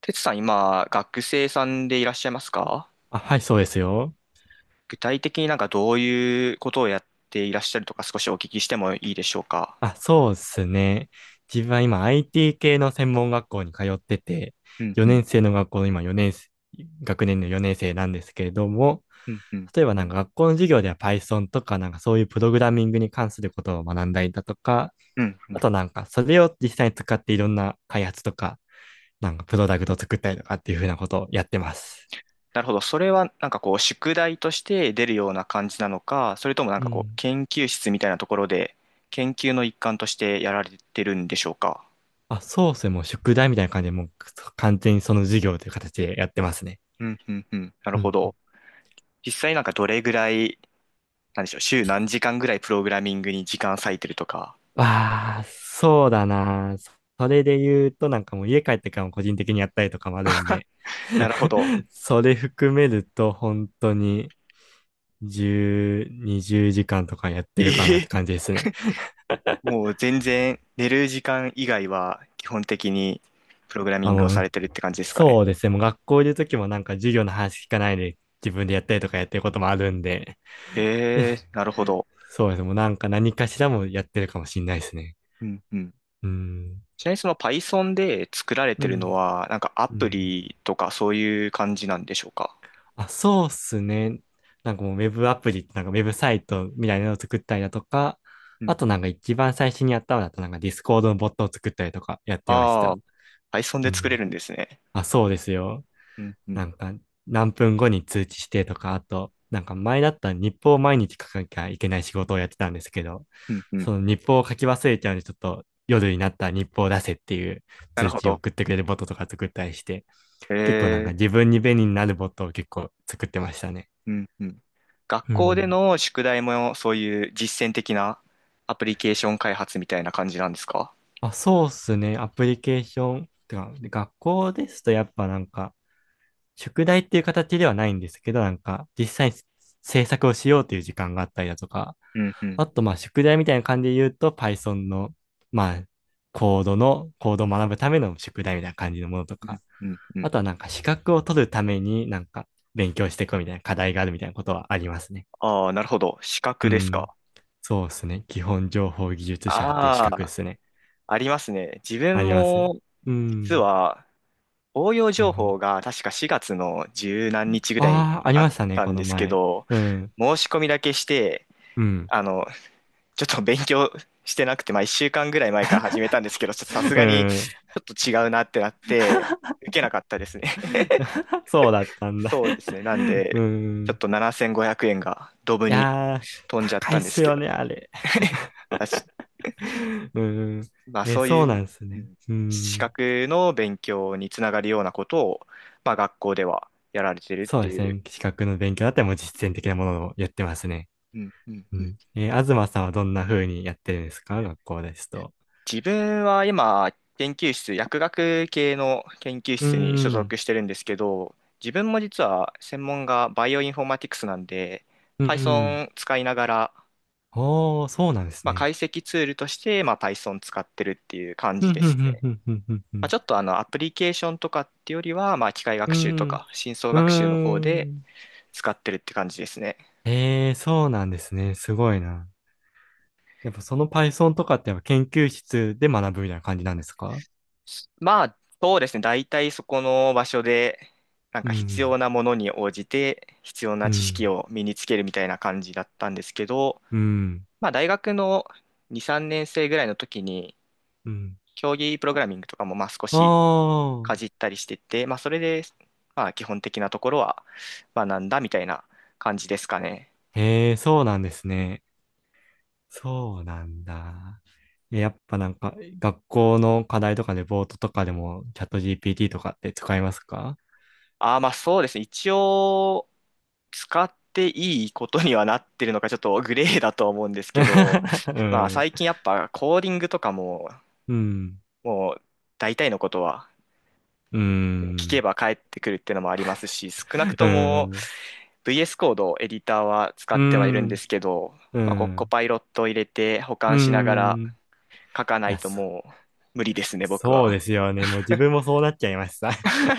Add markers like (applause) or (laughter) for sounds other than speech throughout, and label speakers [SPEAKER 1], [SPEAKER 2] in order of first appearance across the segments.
[SPEAKER 1] てつさん、今、学生さんでいらっしゃいますか？
[SPEAKER 2] あ、はい、そうですよ。
[SPEAKER 1] 具体的になんかどういうことをやっていらっしゃるとか少しお聞きしてもいいでしょうか？
[SPEAKER 2] あ、そうですね。自分は今 IT 系の専門学校に通ってて、
[SPEAKER 1] うんう
[SPEAKER 2] 4
[SPEAKER 1] ん、
[SPEAKER 2] 年生の学校の今4年生、学年の4年生なんですけれども、
[SPEAKER 1] うん、うん、
[SPEAKER 2] 例えばなんか学校の授業では Python とかなんかそういうプログラミングに関することを学んだりだとか、
[SPEAKER 1] うん、うん。
[SPEAKER 2] あとなんかそれを実際に使っていろんな開発とか、なんかプロダクトを作ったりとかっていうふうなことをやってます。
[SPEAKER 1] なるほど。それはなんかこう、宿題として出るような感じなのか、それともなん
[SPEAKER 2] う
[SPEAKER 1] かこう、
[SPEAKER 2] ん。
[SPEAKER 1] 研究室みたいなところで、研究の一環としてやられてるんでしょうか？
[SPEAKER 2] あ、そうですね。もう宿題みたいな感じで、もう完全にその授業という形でやってますね。
[SPEAKER 1] うん、うん、うん。なる
[SPEAKER 2] う
[SPEAKER 1] ほ
[SPEAKER 2] ん。
[SPEAKER 1] ど。実際なんかどれぐらい、なんでしょう、週何時間ぐらいプログラミングに時間割いてるとか。
[SPEAKER 2] わあ、そうだな。それで言うと、なんかもう家帰ってからも個人的にやったりとかもあるんで、
[SPEAKER 1] (laughs) なるほど。
[SPEAKER 2] (laughs) それ含めると本当に10、20時間とかやってるかな
[SPEAKER 1] え
[SPEAKER 2] っ
[SPEAKER 1] え、
[SPEAKER 2] て感じですね。
[SPEAKER 1] もう全然寝る時間以外は基本的にプログラミ
[SPEAKER 2] まあ、
[SPEAKER 1] ングを
[SPEAKER 2] も
[SPEAKER 1] され
[SPEAKER 2] う、
[SPEAKER 1] てるって感じですかね。
[SPEAKER 2] そうですね。もう学校いる時もなんか授業の話聞かないで自分でやったりとかやってることもあるんで、
[SPEAKER 1] ええ、
[SPEAKER 2] (laughs)
[SPEAKER 1] なるほど。
[SPEAKER 2] そうですね。もうなんか何かしらもやってるかもしんないですね。
[SPEAKER 1] うんうん。
[SPEAKER 2] うん。
[SPEAKER 1] ちなみにその Python で作られ
[SPEAKER 2] う
[SPEAKER 1] てるの
[SPEAKER 2] ん。
[SPEAKER 1] は、なんかア
[SPEAKER 2] う
[SPEAKER 1] プ
[SPEAKER 2] ん。
[SPEAKER 1] リとかそういう感じなんでしょうか？
[SPEAKER 2] あ、そうっすね。なんかもうウェブアプリってなんかウェブサイトみたいなのを作ったりだとか、
[SPEAKER 1] うん
[SPEAKER 2] あと
[SPEAKER 1] う
[SPEAKER 2] な
[SPEAKER 1] ん。
[SPEAKER 2] んか一番最初にやったのだとなんかディスコードのボットを作ったりとかやってまし
[SPEAKER 1] あ
[SPEAKER 2] た。
[SPEAKER 1] あ、Python
[SPEAKER 2] う
[SPEAKER 1] で作れ
[SPEAKER 2] ん。
[SPEAKER 1] るんですね。
[SPEAKER 2] あ、そうですよ。
[SPEAKER 1] うんう
[SPEAKER 2] なん
[SPEAKER 1] ん。
[SPEAKER 2] か何分後に通知してとか、あとなんか前だったら日報を毎日書かなきゃいけない仕事をやってたんですけど、
[SPEAKER 1] うんう
[SPEAKER 2] そ
[SPEAKER 1] ん。
[SPEAKER 2] の日報を書き忘れちゃうんでちょっと夜になったら日報を出せっていう
[SPEAKER 1] なる
[SPEAKER 2] 通
[SPEAKER 1] ほ
[SPEAKER 2] 知を
[SPEAKER 1] ど。
[SPEAKER 2] 送ってくれるボットとか作ったりして、
[SPEAKER 1] え
[SPEAKER 2] 結構なんか
[SPEAKER 1] え、
[SPEAKER 2] 自分に便利になるボットを結構作ってましたね。
[SPEAKER 1] うんうん。学
[SPEAKER 2] う
[SPEAKER 1] 校で
[SPEAKER 2] ん。
[SPEAKER 1] の宿題もそういう実践的なアプリケーション開発みたいな感じなんですか？
[SPEAKER 2] まあ、そうっすね。アプリケーション。てか、で学校ですとやっぱなんか、宿題っていう形ではないんですけど、なんか、実際に制作をしようという時間があったりだとか、
[SPEAKER 1] うんう
[SPEAKER 2] あ
[SPEAKER 1] ん。
[SPEAKER 2] とまあ、宿題みたいな感じで言うと、Python の、まあ、コードを学ぶための宿題みたいな感じのものと
[SPEAKER 1] う
[SPEAKER 2] か、
[SPEAKER 1] んうんうん。
[SPEAKER 2] あとはなんか、資格を取るためになんか、勉強していこうみたいな課題があるみたいなことはありますね。
[SPEAKER 1] ああ、なるほど。資
[SPEAKER 2] う
[SPEAKER 1] 格です
[SPEAKER 2] ん。
[SPEAKER 1] か。
[SPEAKER 2] そうですね。基本情報技術者っていう資
[SPEAKER 1] あ
[SPEAKER 2] 格で
[SPEAKER 1] あ、
[SPEAKER 2] すね。
[SPEAKER 1] ありますね。自
[SPEAKER 2] あ
[SPEAKER 1] 分
[SPEAKER 2] ります。
[SPEAKER 1] も、
[SPEAKER 2] う
[SPEAKER 1] 実
[SPEAKER 2] ん。
[SPEAKER 1] は、応用
[SPEAKER 2] うんう
[SPEAKER 1] 情
[SPEAKER 2] ん。
[SPEAKER 1] 報が確か4月の十何日ぐらいに
[SPEAKER 2] ああ、あり
[SPEAKER 1] あっ
[SPEAKER 2] ましたね、
[SPEAKER 1] た
[SPEAKER 2] こ
[SPEAKER 1] ん
[SPEAKER 2] の
[SPEAKER 1] ですけ
[SPEAKER 2] 前。
[SPEAKER 1] ど、
[SPEAKER 2] うん。
[SPEAKER 1] 申し込みだけして、
[SPEAKER 2] うん。
[SPEAKER 1] あの、ちょっと勉強してなくて、まあ1週間ぐらい前から始めたんですけど、ちょっとさす
[SPEAKER 2] う
[SPEAKER 1] がにち
[SPEAKER 2] ん。
[SPEAKER 1] ょっと違うなってなって、受けなかったですね。(laughs)
[SPEAKER 2] (laughs) そうだったんだ。
[SPEAKER 1] そうですね。なん
[SPEAKER 2] (laughs) う
[SPEAKER 1] で、ちょっ
[SPEAKER 2] ん。
[SPEAKER 1] と7500円がドブ
[SPEAKER 2] い
[SPEAKER 1] に
[SPEAKER 2] やー、
[SPEAKER 1] 飛んじゃっ
[SPEAKER 2] 高い
[SPEAKER 1] た
[SPEAKER 2] っ
[SPEAKER 1] んで
[SPEAKER 2] す
[SPEAKER 1] すけ
[SPEAKER 2] よ
[SPEAKER 1] ど、
[SPEAKER 2] ね、あれ。うん。
[SPEAKER 1] まあ
[SPEAKER 2] え、
[SPEAKER 1] そう
[SPEAKER 2] そう
[SPEAKER 1] い
[SPEAKER 2] な
[SPEAKER 1] う、
[SPEAKER 2] んです
[SPEAKER 1] う
[SPEAKER 2] ね。
[SPEAKER 1] ん、
[SPEAKER 2] う
[SPEAKER 1] 資
[SPEAKER 2] ん。
[SPEAKER 1] 格の勉強につながるようなことを、まあ学校ではやられてるっ
[SPEAKER 2] そう
[SPEAKER 1] て
[SPEAKER 2] です
[SPEAKER 1] いう。
[SPEAKER 2] ね。資格の勉強だったらもう実践的なものをやってますね。
[SPEAKER 1] うんうん
[SPEAKER 2] う
[SPEAKER 1] うん。
[SPEAKER 2] ん。東さんはどんな風にやってるんですか、学校ですと？
[SPEAKER 1] 自分は今、研究室、薬学系の研究
[SPEAKER 2] う
[SPEAKER 1] 室に所
[SPEAKER 2] ん。
[SPEAKER 1] 属してるんですけど、自分も実は専門がバイオインフォーマティクスなんで、
[SPEAKER 2] うん。
[SPEAKER 1] Python 使いながら、
[SPEAKER 2] おー、そうなんです
[SPEAKER 1] まあ、
[SPEAKER 2] ね。
[SPEAKER 1] 解析ツールとして、まあ、Python 使ってるっていう感
[SPEAKER 2] ふ
[SPEAKER 1] じ
[SPEAKER 2] ん
[SPEAKER 1] で
[SPEAKER 2] ふん
[SPEAKER 1] すね。
[SPEAKER 2] ふんふんふんふんふ
[SPEAKER 1] まあ、
[SPEAKER 2] ん。
[SPEAKER 1] ちょっとあのアプリケーションとかっていうよりは、まあ、機械
[SPEAKER 2] う
[SPEAKER 1] 学習と
[SPEAKER 2] ん。
[SPEAKER 1] か深層
[SPEAKER 2] うー
[SPEAKER 1] 学習の方で、
[SPEAKER 2] ん。
[SPEAKER 1] 使ってるって感じですね。
[SPEAKER 2] ええ、そうなんですね。すごいな。やっぱその Python とかってやっぱ研究室で学ぶみたいな感じなんですか？
[SPEAKER 1] まあ、そうですね。大体そこの場所で、なん
[SPEAKER 2] う
[SPEAKER 1] か必
[SPEAKER 2] ん、
[SPEAKER 1] 要なものに応じて、必要
[SPEAKER 2] う
[SPEAKER 1] な知識
[SPEAKER 2] ん、
[SPEAKER 1] を身につけるみたいな感じだったんですけど、
[SPEAKER 2] うん、
[SPEAKER 1] まあ、大学の2、3年生ぐらいの時に、
[SPEAKER 2] うん。
[SPEAKER 1] 競技プログラミングとかもまあ少
[SPEAKER 2] あ
[SPEAKER 1] しかじ
[SPEAKER 2] あ、
[SPEAKER 1] ったりしてて、まあ、それで、まあ、基本的なところは学んだみたいな感じですかね。
[SPEAKER 2] ええ、そうなんですね。そうなんだ。やっぱなんか学校の課題とかでボートとかでもチャット GPT とかって使いますか？
[SPEAKER 1] ああ、まあそうですね。一応、使っていいことにはなってるのか、ちょっとグレーだと思うんですけど、
[SPEAKER 2] (laughs) う
[SPEAKER 1] (laughs) まあ
[SPEAKER 2] ん、
[SPEAKER 1] 最近やっぱコーディングとかも、
[SPEAKER 2] うん、
[SPEAKER 1] もう大体のことは
[SPEAKER 2] う
[SPEAKER 1] 聞け
[SPEAKER 2] ん、
[SPEAKER 1] ば返ってくるっていうのもありますし、少なく
[SPEAKER 2] う
[SPEAKER 1] とも
[SPEAKER 2] ん、
[SPEAKER 1] VS コードエディターは使
[SPEAKER 2] う
[SPEAKER 1] ってはいるんで
[SPEAKER 2] ん、
[SPEAKER 1] すけど、
[SPEAKER 2] う
[SPEAKER 1] まあココ
[SPEAKER 2] ん。
[SPEAKER 1] パイロットを入れて保
[SPEAKER 2] う
[SPEAKER 1] 管しながら
[SPEAKER 2] ん。
[SPEAKER 1] 書かな
[SPEAKER 2] い
[SPEAKER 1] い
[SPEAKER 2] や、
[SPEAKER 1] と
[SPEAKER 2] そ
[SPEAKER 1] もう無理ですね、僕
[SPEAKER 2] そう
[SPEAKER 1] は。
[SPEAKER 2] ですよね。もう自分もそうなっちゃいました。(laughs)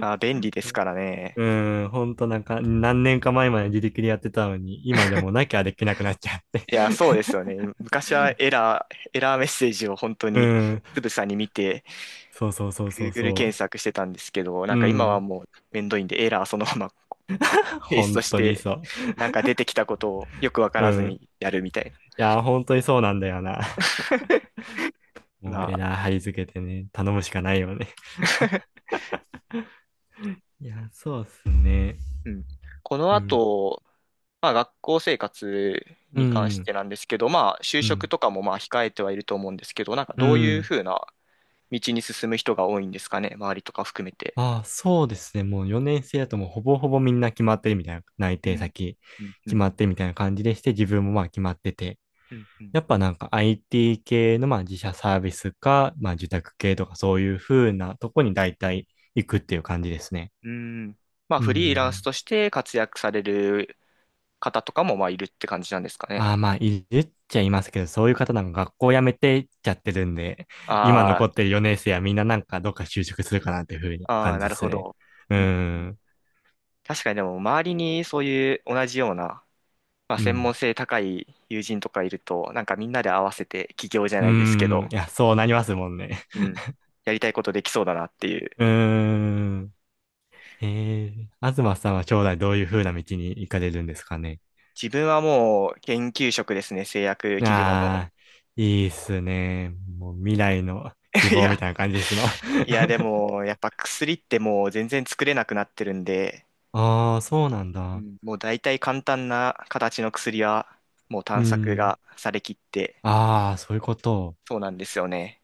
[SPEAKER 1] あー、便利ですからね。
[SPEAKER 2] うん、ほんとなんか、何年か前まで自力でやってたのに、今じゃもうなきゃできなくなっちゃって。
[SPEAKER 1] いや、そうですよね。昔はエラーメッセージを本当
[SPEAKER 2] (laughs) う
[SPEAKER 1] に
[SPEAKER 2] ん、
[SPEAKER 1] つぶさに見て、
[SPEAKER 2] そうそうそうそう
[SPEAKER 1] Google
[SPEAKER 2] そ
[SPEAKER 1] 検索してたんですけど、な
[SPEAKER 2] う。う
[SPEAKER 1] んか今は
[SPEAKER 2] ん、
[SPEAKER 1] もうめんどいんで、エラーそのまま (laughs) ペース
[SPEAKER 2] 本
[SPEAKER 1] トし
[SPEAKER 2] 当に
[SPEAKER 1] て、
[SPEAKER 2] そう。
[SPEAKER 1] なんか出てきたことをよくわか
[SPEAKER 2] う
[SPEAKER 1] らず
[SPEAKER 2] ん。
[SPEAKER 1] にやるみた
[SPEAKER 2] い
[SPEAKER 1] いな。
[SPEAKER 2] や、本当にそうなんだよな。(laughs) も
[SPEAKER 1] ま
[SPEAKER 2] うエ
[SPEAKER 1] あ、
[SPEAKER 2] ラー貼り付けてね、頼むしかないよね。
[SPEAKER 1] (laughs)
[SPEAKER 2] いや、そうっすね。
[SPEAKER 1] うん。この
[SPEAKER 2] うん、
[SPEAKER 1] 後、まあ学校生活
[SPEAKER 2] う
[SPEAKER 1] に関し
[SPEAKER 2] ん、
[SPEAKER 1] てなんですけど、まあ就
[SPEAKER 2] う
[SPEAKER 1] 職
[SPEAKER 2] ん、
[SPEAKER 1] とかもまあ控えてはいると思うんですけど、なんか
[SPEAKER 2] う
[SPEAKER 1] どういう
[SPEAKER 2] ん。
[SPEAKER 1] ふうな道に進む人が多いんですかね、周りとか含めて。
[SPEAKER 2] ああ、そうですね。もう4年生だともうほぼほぼみんな決まってるみたいな、内
[SPEAKER 1] う
[SPEAKER 2] 定
[SPEAKER 1] ん。
[SPEAKER 2] 先
[SPEAKER 1] うん、う
[SPEAKER 2] 決ま
[SPEAKER 1] ん、
[SPEAKER 2] ってるみたいな感じでして、自分もまあ決まってて、
[SPEAKER 1] うん、うん。
[SPEAKER 2] やっぱなんか IT 系のまあ自社サービスか、まあ受託系とかそういう風なとこに大体行くっていう感じですね。
[SPEAKER 1] うん。まあ、
[SPEAKER 2] う
[SPEAKER 1] フリーランス
[SPEAKER 2] ん。
[SPEAKER 1] として活躍される方とかも、まあ、いるって感じなんですかね。
[SPEAKER 2] ああ、まあ、いるっちゃいますけど、そういう方なんか学校辞めてっちゃってるんで、今
[SPEAKER 1] あ
[SPEAKER 2] 残ってる4年生はみんななんかどっか就職するかなっていう風な
[SPEAKER 1] あ、ああ、
[SPEAKER 2] 感
[SPEAKER 1] な
[SPEAKER 2] じで
[SPEAKER 1] る
[SPEAKER 2] す
[SPEAKER 1] ほ
[SPEAKER 2] ね。
[SPEAKER 1] ど。
[SPEAKER 2] う
[SPEAKER 1] うんうん。
[SPEAKER 2] ん。
[SPEAKER 1] 確かにでも、周りにそういう同じような、まあ、
[SPEAKER 2] う
[SPEAKER 1] 専門
[SPEAKER 2] ん。
[SPEAKER 1] 性高い友人とかいると、なんかみんなで合わせて起業じゃ
[SPEAKER 2] う
[SPEAKER 1] ないですけ
[SPEAKER 2] ん。
[SPEAKER 1] ど、
[SPEAKER 2] いや、そうなりますもんね。
[SPEAKER 1] うん、やりたいことできそうだなっていう。
[SPEAKER 2] うーん。ええ。東さんは将来どういう風な道に行かれるんですかね。
[SPEAKER 1] 自分はもう研究職ですね、製薬企業の。
[SPEAKER 2] ああ、いいっすね。もう未来の希
[SPEAKER 1] (laughs) い
[SPEAKER 2] 望み
[SPEAKER 1] や、
[SPEAKER 2] たいな感じですの。(laughs)
[SPEAKER 1] いやでも、やっぱ薬ってもう全然作れなくなってるんで、
[SPEAKER 2] ああ、そうなん
[SPEAKER 1] う
[SPEAKER 2] だ。
[SPEAKER 1] ん、もう大体簡単な形の薬はもう
[SPEAKER 2] う
[SPEAKER 1] 探索
[SPEAKER 2] ん。
[SPEAKER 1] がされきって、
[SPEAKER 2] ああ、そういうこと。
[SPEAKER 1] そうなんですよね。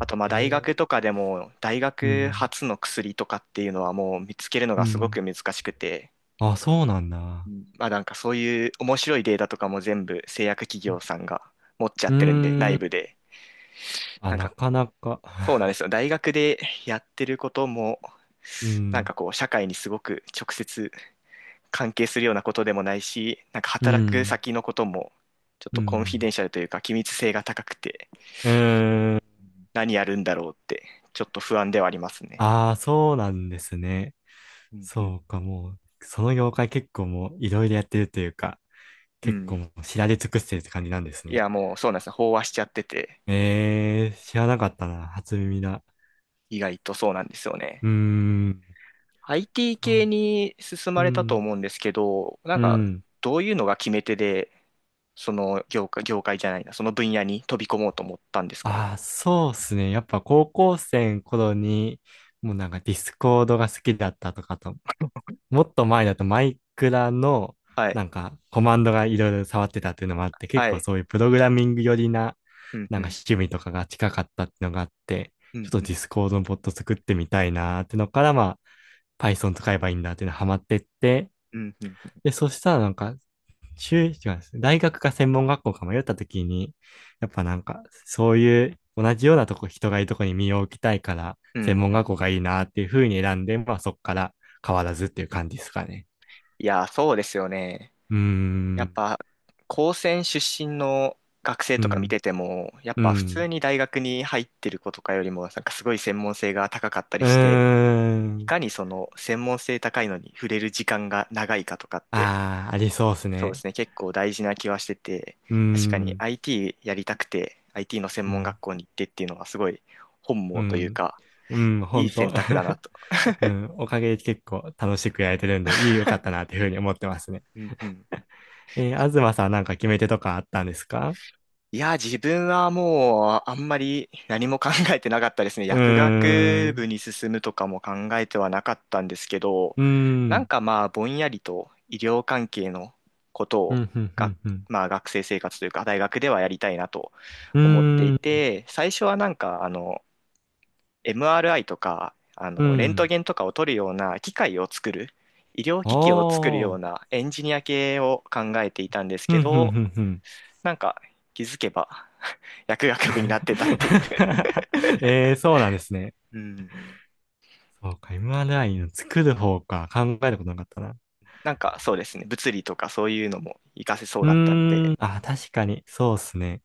[SPEAKER 1] あとまあ
[SPEAKER 2] え
[SPEAKER 1] 大学
[SPEAKER 2] ー、
[SPEAKER 1] とかでも大
[SPEAKER 2] う
[SPEAKER 1] 学
[SPEAKER 2] ん。
[SPEAKER 1] 発の薬とかっていうのはもう見つけるの
[SPEAKER 2] う
[SPEAKER 1] がすご
[SPEAKER 2] ん。
[SPEAKER 1] く難しくて、
[SPEAKER 2] あ、そうなん
[SPEAKER 1] う
[SPEAKER 2] だ。
[SPEAKER 1] ん、まあなんかそういう面白いデータとかも全部製薬企業さんが持っちゃ
[SPEAKER 2] う
[SPEAKER 1] ってるんで、
[SPEAKER 2] ー
[SPEAKER 1] 内
[SPEAKER 2] ん。
[SPEAKER 1] 部で。
[SPEAKER 2] あ、
[SPEAKER 1] なん
[SPEAKER 2] な
[SPEAKER 1] か
[SPEAKER 2] かなか
[SPEAKER 1] そうなんで
[SPEAKER 2] (laughs)
[SPEAKER 1] すよ。大学でやってることも
[SPEAKER 2] う
[SPEAKER 1] なんか
[SPEAKER 2] ん。
[SPEAKER 1] こう社会にすごく直接関係するようなことでもないし、なんか
[SPEAKER 2] う
[SPEAKER 1] 働く
[SPEAKER 2] ん。
[SPEAKER 1] 先のこともちょっ
[SPEAKER 2] う
[SPEAKER 1] とコンフィ
[SPEAKER 2] ん。
[SPEAKER 1] デンシャルというか機密性が高くて
[SPEAKER 2] うーん。
[SPEAKER 1] 何やるんだろうってちょっと不安ではありますね。
[SPEAKER 2] ああ、そうなんですね。
[SPEAKER 1] うんう
[SPEAKER 2] そ
[SPEAKER 1] ん。
[SPEAKER 2] うか、もう、その業界結構もういろいろやってるというか、
[SPEAKER 1] う
[SPEAKER 2] 結構
[SPEAKER 1] ん。
[SPEAKER 2] もう知られ尽くしてるって感じなんです
[SPEAKER 1] い
[SPEAKER 2] ね。
[SPEAKER 1] やもうそうなんですね。飽和しちゃってて
[SPEAKER 2] えー、知らなかったな、初耳だ。
[SPEAKER 1] 意外とそうなんですよね。
[SPEAKER 2] うーん、
[SPEAKER 1] IT
[SPEAKER 2] そ
[SPEAKER 1] 系に進
[SPEAKER 2] う、う
[SPEAKER 1] まれたと
[SPEAKER 2] ん、
[SPEAKER 1] 思うんですけど、なん
[SPEAKER 2] う
[SPEAKER 1] か
[SPEAKER 2] ん。
[SPEAKER 1] どういうのが決め手でその業界、業界じゃないな、その分野に飛び込もうと思ったんですか？
[SPEAKER 2] ああ、そうっすね。やっぱ高校生の頃に、もうなんかディスコードが好きだったとかと、もっと前だとマイクラの
[SPEAKER 1] はい。
[SPEAKER 2] なんかコマンドがいろいろ触ってたっていうのもあって、結
[SPEAKER 1] は
[SPEAKER 2] 構
[SPEAKER 1] い。
[SPEAKER 2] そういうプログラミング寄りな
[SPEAKER 1] うん
[SPEAKER 2] なん
[SPEAKER 1] う
[SPEAKER 2] か
[SPEAKER 1] ん。
[SPEAKER 2] 趣味とかが近かったっていうのがあって、
[SPEAKER 1] う
[SPEAKER 2] ちょっ
[SPEAKER 1] ん
[SPEAKER 2] と
[SPEAKER 1] う
[SPEAKER 2] ディ
[SPEAKER 1] ん。
[SPEAKER 2] スコードのボット作ってみたいなーってのから、まあ Python 使えばいいんだっていうのハマってって、
[SPEAKER 1] うんうん。
[SPEAKER 2] で、そしたらなんか、違うんですね大学か専門学校か迷った時に、やっぱなんかそういう同じようなとこ、人がいるとこに身を置きたいから、
[SPEAKER 1] う
[SPEAKER 2] 専
[SPEAKER 1] ん
[SPEAKER 2] 門
[SPEAKER 1] うん。
[SPEAKER 2] 学校がいいなっていうふうに選んで、まあそっから変わらずっていう感じですかね。
[SPEAKER 1] いや、そうですよね。
[SPEAKER 2] うー
[SPEAKER 1] やっ
[SPEAKER 2] ん、
[SPEAKER 1] ぱ、高専出身の学生
[SPEAKER 2] う
[SPEAKER 1] とか見
[SPEAKER 2] ん、
[SPEAKER 1] てても、やっ
[SPEAKER 2] う
[SPEAKER 1] ぱ普通
[SPEAKER 2] ん、
[SPEAKER 1] に大学に入ってる子とかよりも、なんかすごい専門性が高かったり
[SPEAKER 2] うー
[SPEAKER 1] して、い
[SPEAKER 2] ん。
[SPEAKER 1] かにその専門性高いのに触れる時間が長いかとかって、
[SPEAKER 2] ああ、ありそうっす
[SPEAKER 1] そうで
[SPEAKER 2] ね。
[SPEAKER 1] すね、結構大事な気はしてて、
[SPEAKER 2] うー
[SPEAKER 1] 確かに
[SPEAKER 2] ん、
[SPEAKER 1] IT やりたくて、IT の専
[SPEAKER 2] う
[SPEAKER 1] 門
[SPEAKER 2] ん、
[SPEAKER 1] 学校に行ってっていうのはすごい本
[SPEAKER 2] う
[SPEAKER 1] 望という
[SPEAKER 2] ん、
[SPEAKER 1] か、
[SPEAKER 2] うん、ほ
[SPEAKER 1] いい
[SPEAKER 2] んと。
[SPEAKER 1] 選択だな
[SPEAKER 2] (laughs)
[SPEAKER 1] と。
[SPEAKER 2] うん、おかげで結構楽しくやれてるんで、いい、よかったなっていうふうに思ってますね。
[SPEAKER 1] うんうん。
[SPEAKER 2] (laughs) 東さんはなんか決め手とかあったんですか？
[SPEAKER 1] いや、自分はもうあんまり何も考えてなかったですね。(laughs)
[SPEAKER 2] うー
[SPEAKER 1] 薬
[SPEAKER 2] ん、
[SPEAKER 1] 学部
[SPEAKER 2] う
[SPEAKER 1] に進むとかも考えてはなかったんですけど、
[SPEAKER 2] ー
[SPEAKER 1] なん
[SPEAKER 2] ん、
[SPEAKER 1] かまあぼんやりと医療関係のこと
[SPEAKER 2] う
[SPEAKER 1] を
[SPEAKER 2] ん、ふんふ
[SPEAKER 1] が、
[SPEAKER 2] んふん、
[SPEAKER 1] まあ、学生生活というか大学ではやりたいなと
[SPEAKER 2] う
[SPEAKER 1] 思ってい
[SPEAKER 2] ーん、
[SPEAKER 1] て、最初はなんかあの MRI とかあ
[SPEAKER 2] う
[SPEAKER 1] のレント
[SPEAKER 2] ん、
[SPEAKER 1] ゲンとかを取るような機械を作る、医療機器を作る
[SPEAKER 2] お
[SPEAKER 1] よう
[SPEAKER 2] ー、
[SPEAKER 1] なエンジニア系を考えていたんです
[SPEAKER 2] ふ
[SPEAKER 1] け
[SPEAKER 2] んふん
[SPEAKER 1] ど、
[SPEAKER 2] ふんふん。
[SPEAKER 1] なんか気づけば薬学部になってたっていう。(laughs)
[SPEAKER 2] (laughs) えー、そうなんですね。
[SPEAKER 1] うん。
[SPEAKER 2] そうか、MRI の作る方か、考えることなかったな。
[SPEAKER 1] なんかそうですね、物理とかそういうのも活かせそう
[SPEAKER 2] う
[SPEAKER 1] だったん
[SPEAKER 2] ー
[SPEAKER 1] で、
[SPEAKER 2] ん、あ、確かに、そうっすね。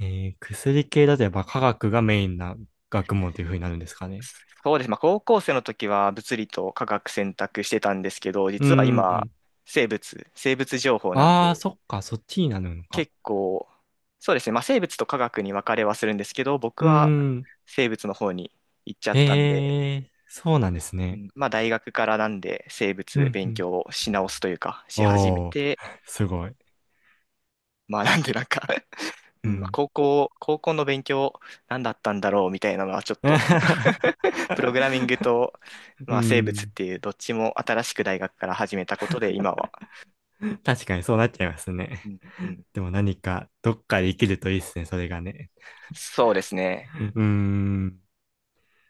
[SPEAKER 2] 薬系だとやっぱ科学がメインな学問というふうになるんですかね。
[SPEAKER 1] そうです、まあ、高校生の時は物理と化学選択してたんですけど、
[SPEAKER 2] うー
[SPEAKER 1] 実は今、
[SPEAKER 2] ん、
[SPEAKER 1] 生物、生物情報なん
[SPEAKER 2] ああ、
[SPEAKER 1] で、
[SPEAKER 2] そっか、そっちになるのか。
[SPEAKER 1] 結構、そうですね、まあ、生物と化学に分かれはするんですけど、僕
[SPEAKER 2] うー
[SPEAKER 1] は
[SPEAKER 2] ん、
[SPEAKER 1] 生物の方に行っちゃったんで、
[SPEAKER 2] へえ、そうなんです
[SPEAKER 1] う
[SPEAKER 2] ね。
[SPEAKER 1] ん、まあ、大学からなんで生
[SPEAKER 2] う
[SPEAKER 1] 物
[SPEAKER 2] ん、う
[SPEAKER 1] 勉
[SPEAKER 2] ん。
[SPEAKER 1] 強をし直すというか、し始め
[SPEAKER 2] おー、
[SPEAKER 1] て、
[SPEAKER 2] すごい。
[SPEAKER 1] まあなんでなんか、う
[SPEAKER 2] う
[SPEAKER 1] ん、まあ
[SPEAKER 2] ん。
[SPEAKER 1] 高校の勉強何だったんだろうみたいなのはちょっと、(laughs) プログラミング
[SPEAKER 2] (laughs)
[SPEAKER 1] と、
[SPEAKER 2] う
[SPEAKER 1] まあ、生物っ
[SPEAKER 2] ん、
[SPEAKER 1] ていうどっちも新しく大学から始めたことで今は、
[SPEAKER 2] 確かにそうなっちゃいますね。
[SPEAKER 1] うん、うん、
[SPEAKER 2] でも何か、どっかで生きるといいっすね、それがね。
[SPEAKER 1] そうですね。
[SPEAKER 2] うーん。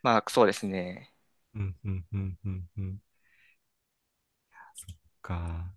[SPEAKER 1] まあそうですね。
[SPEAKER 2] うん、うん、うん、うん、うん。か。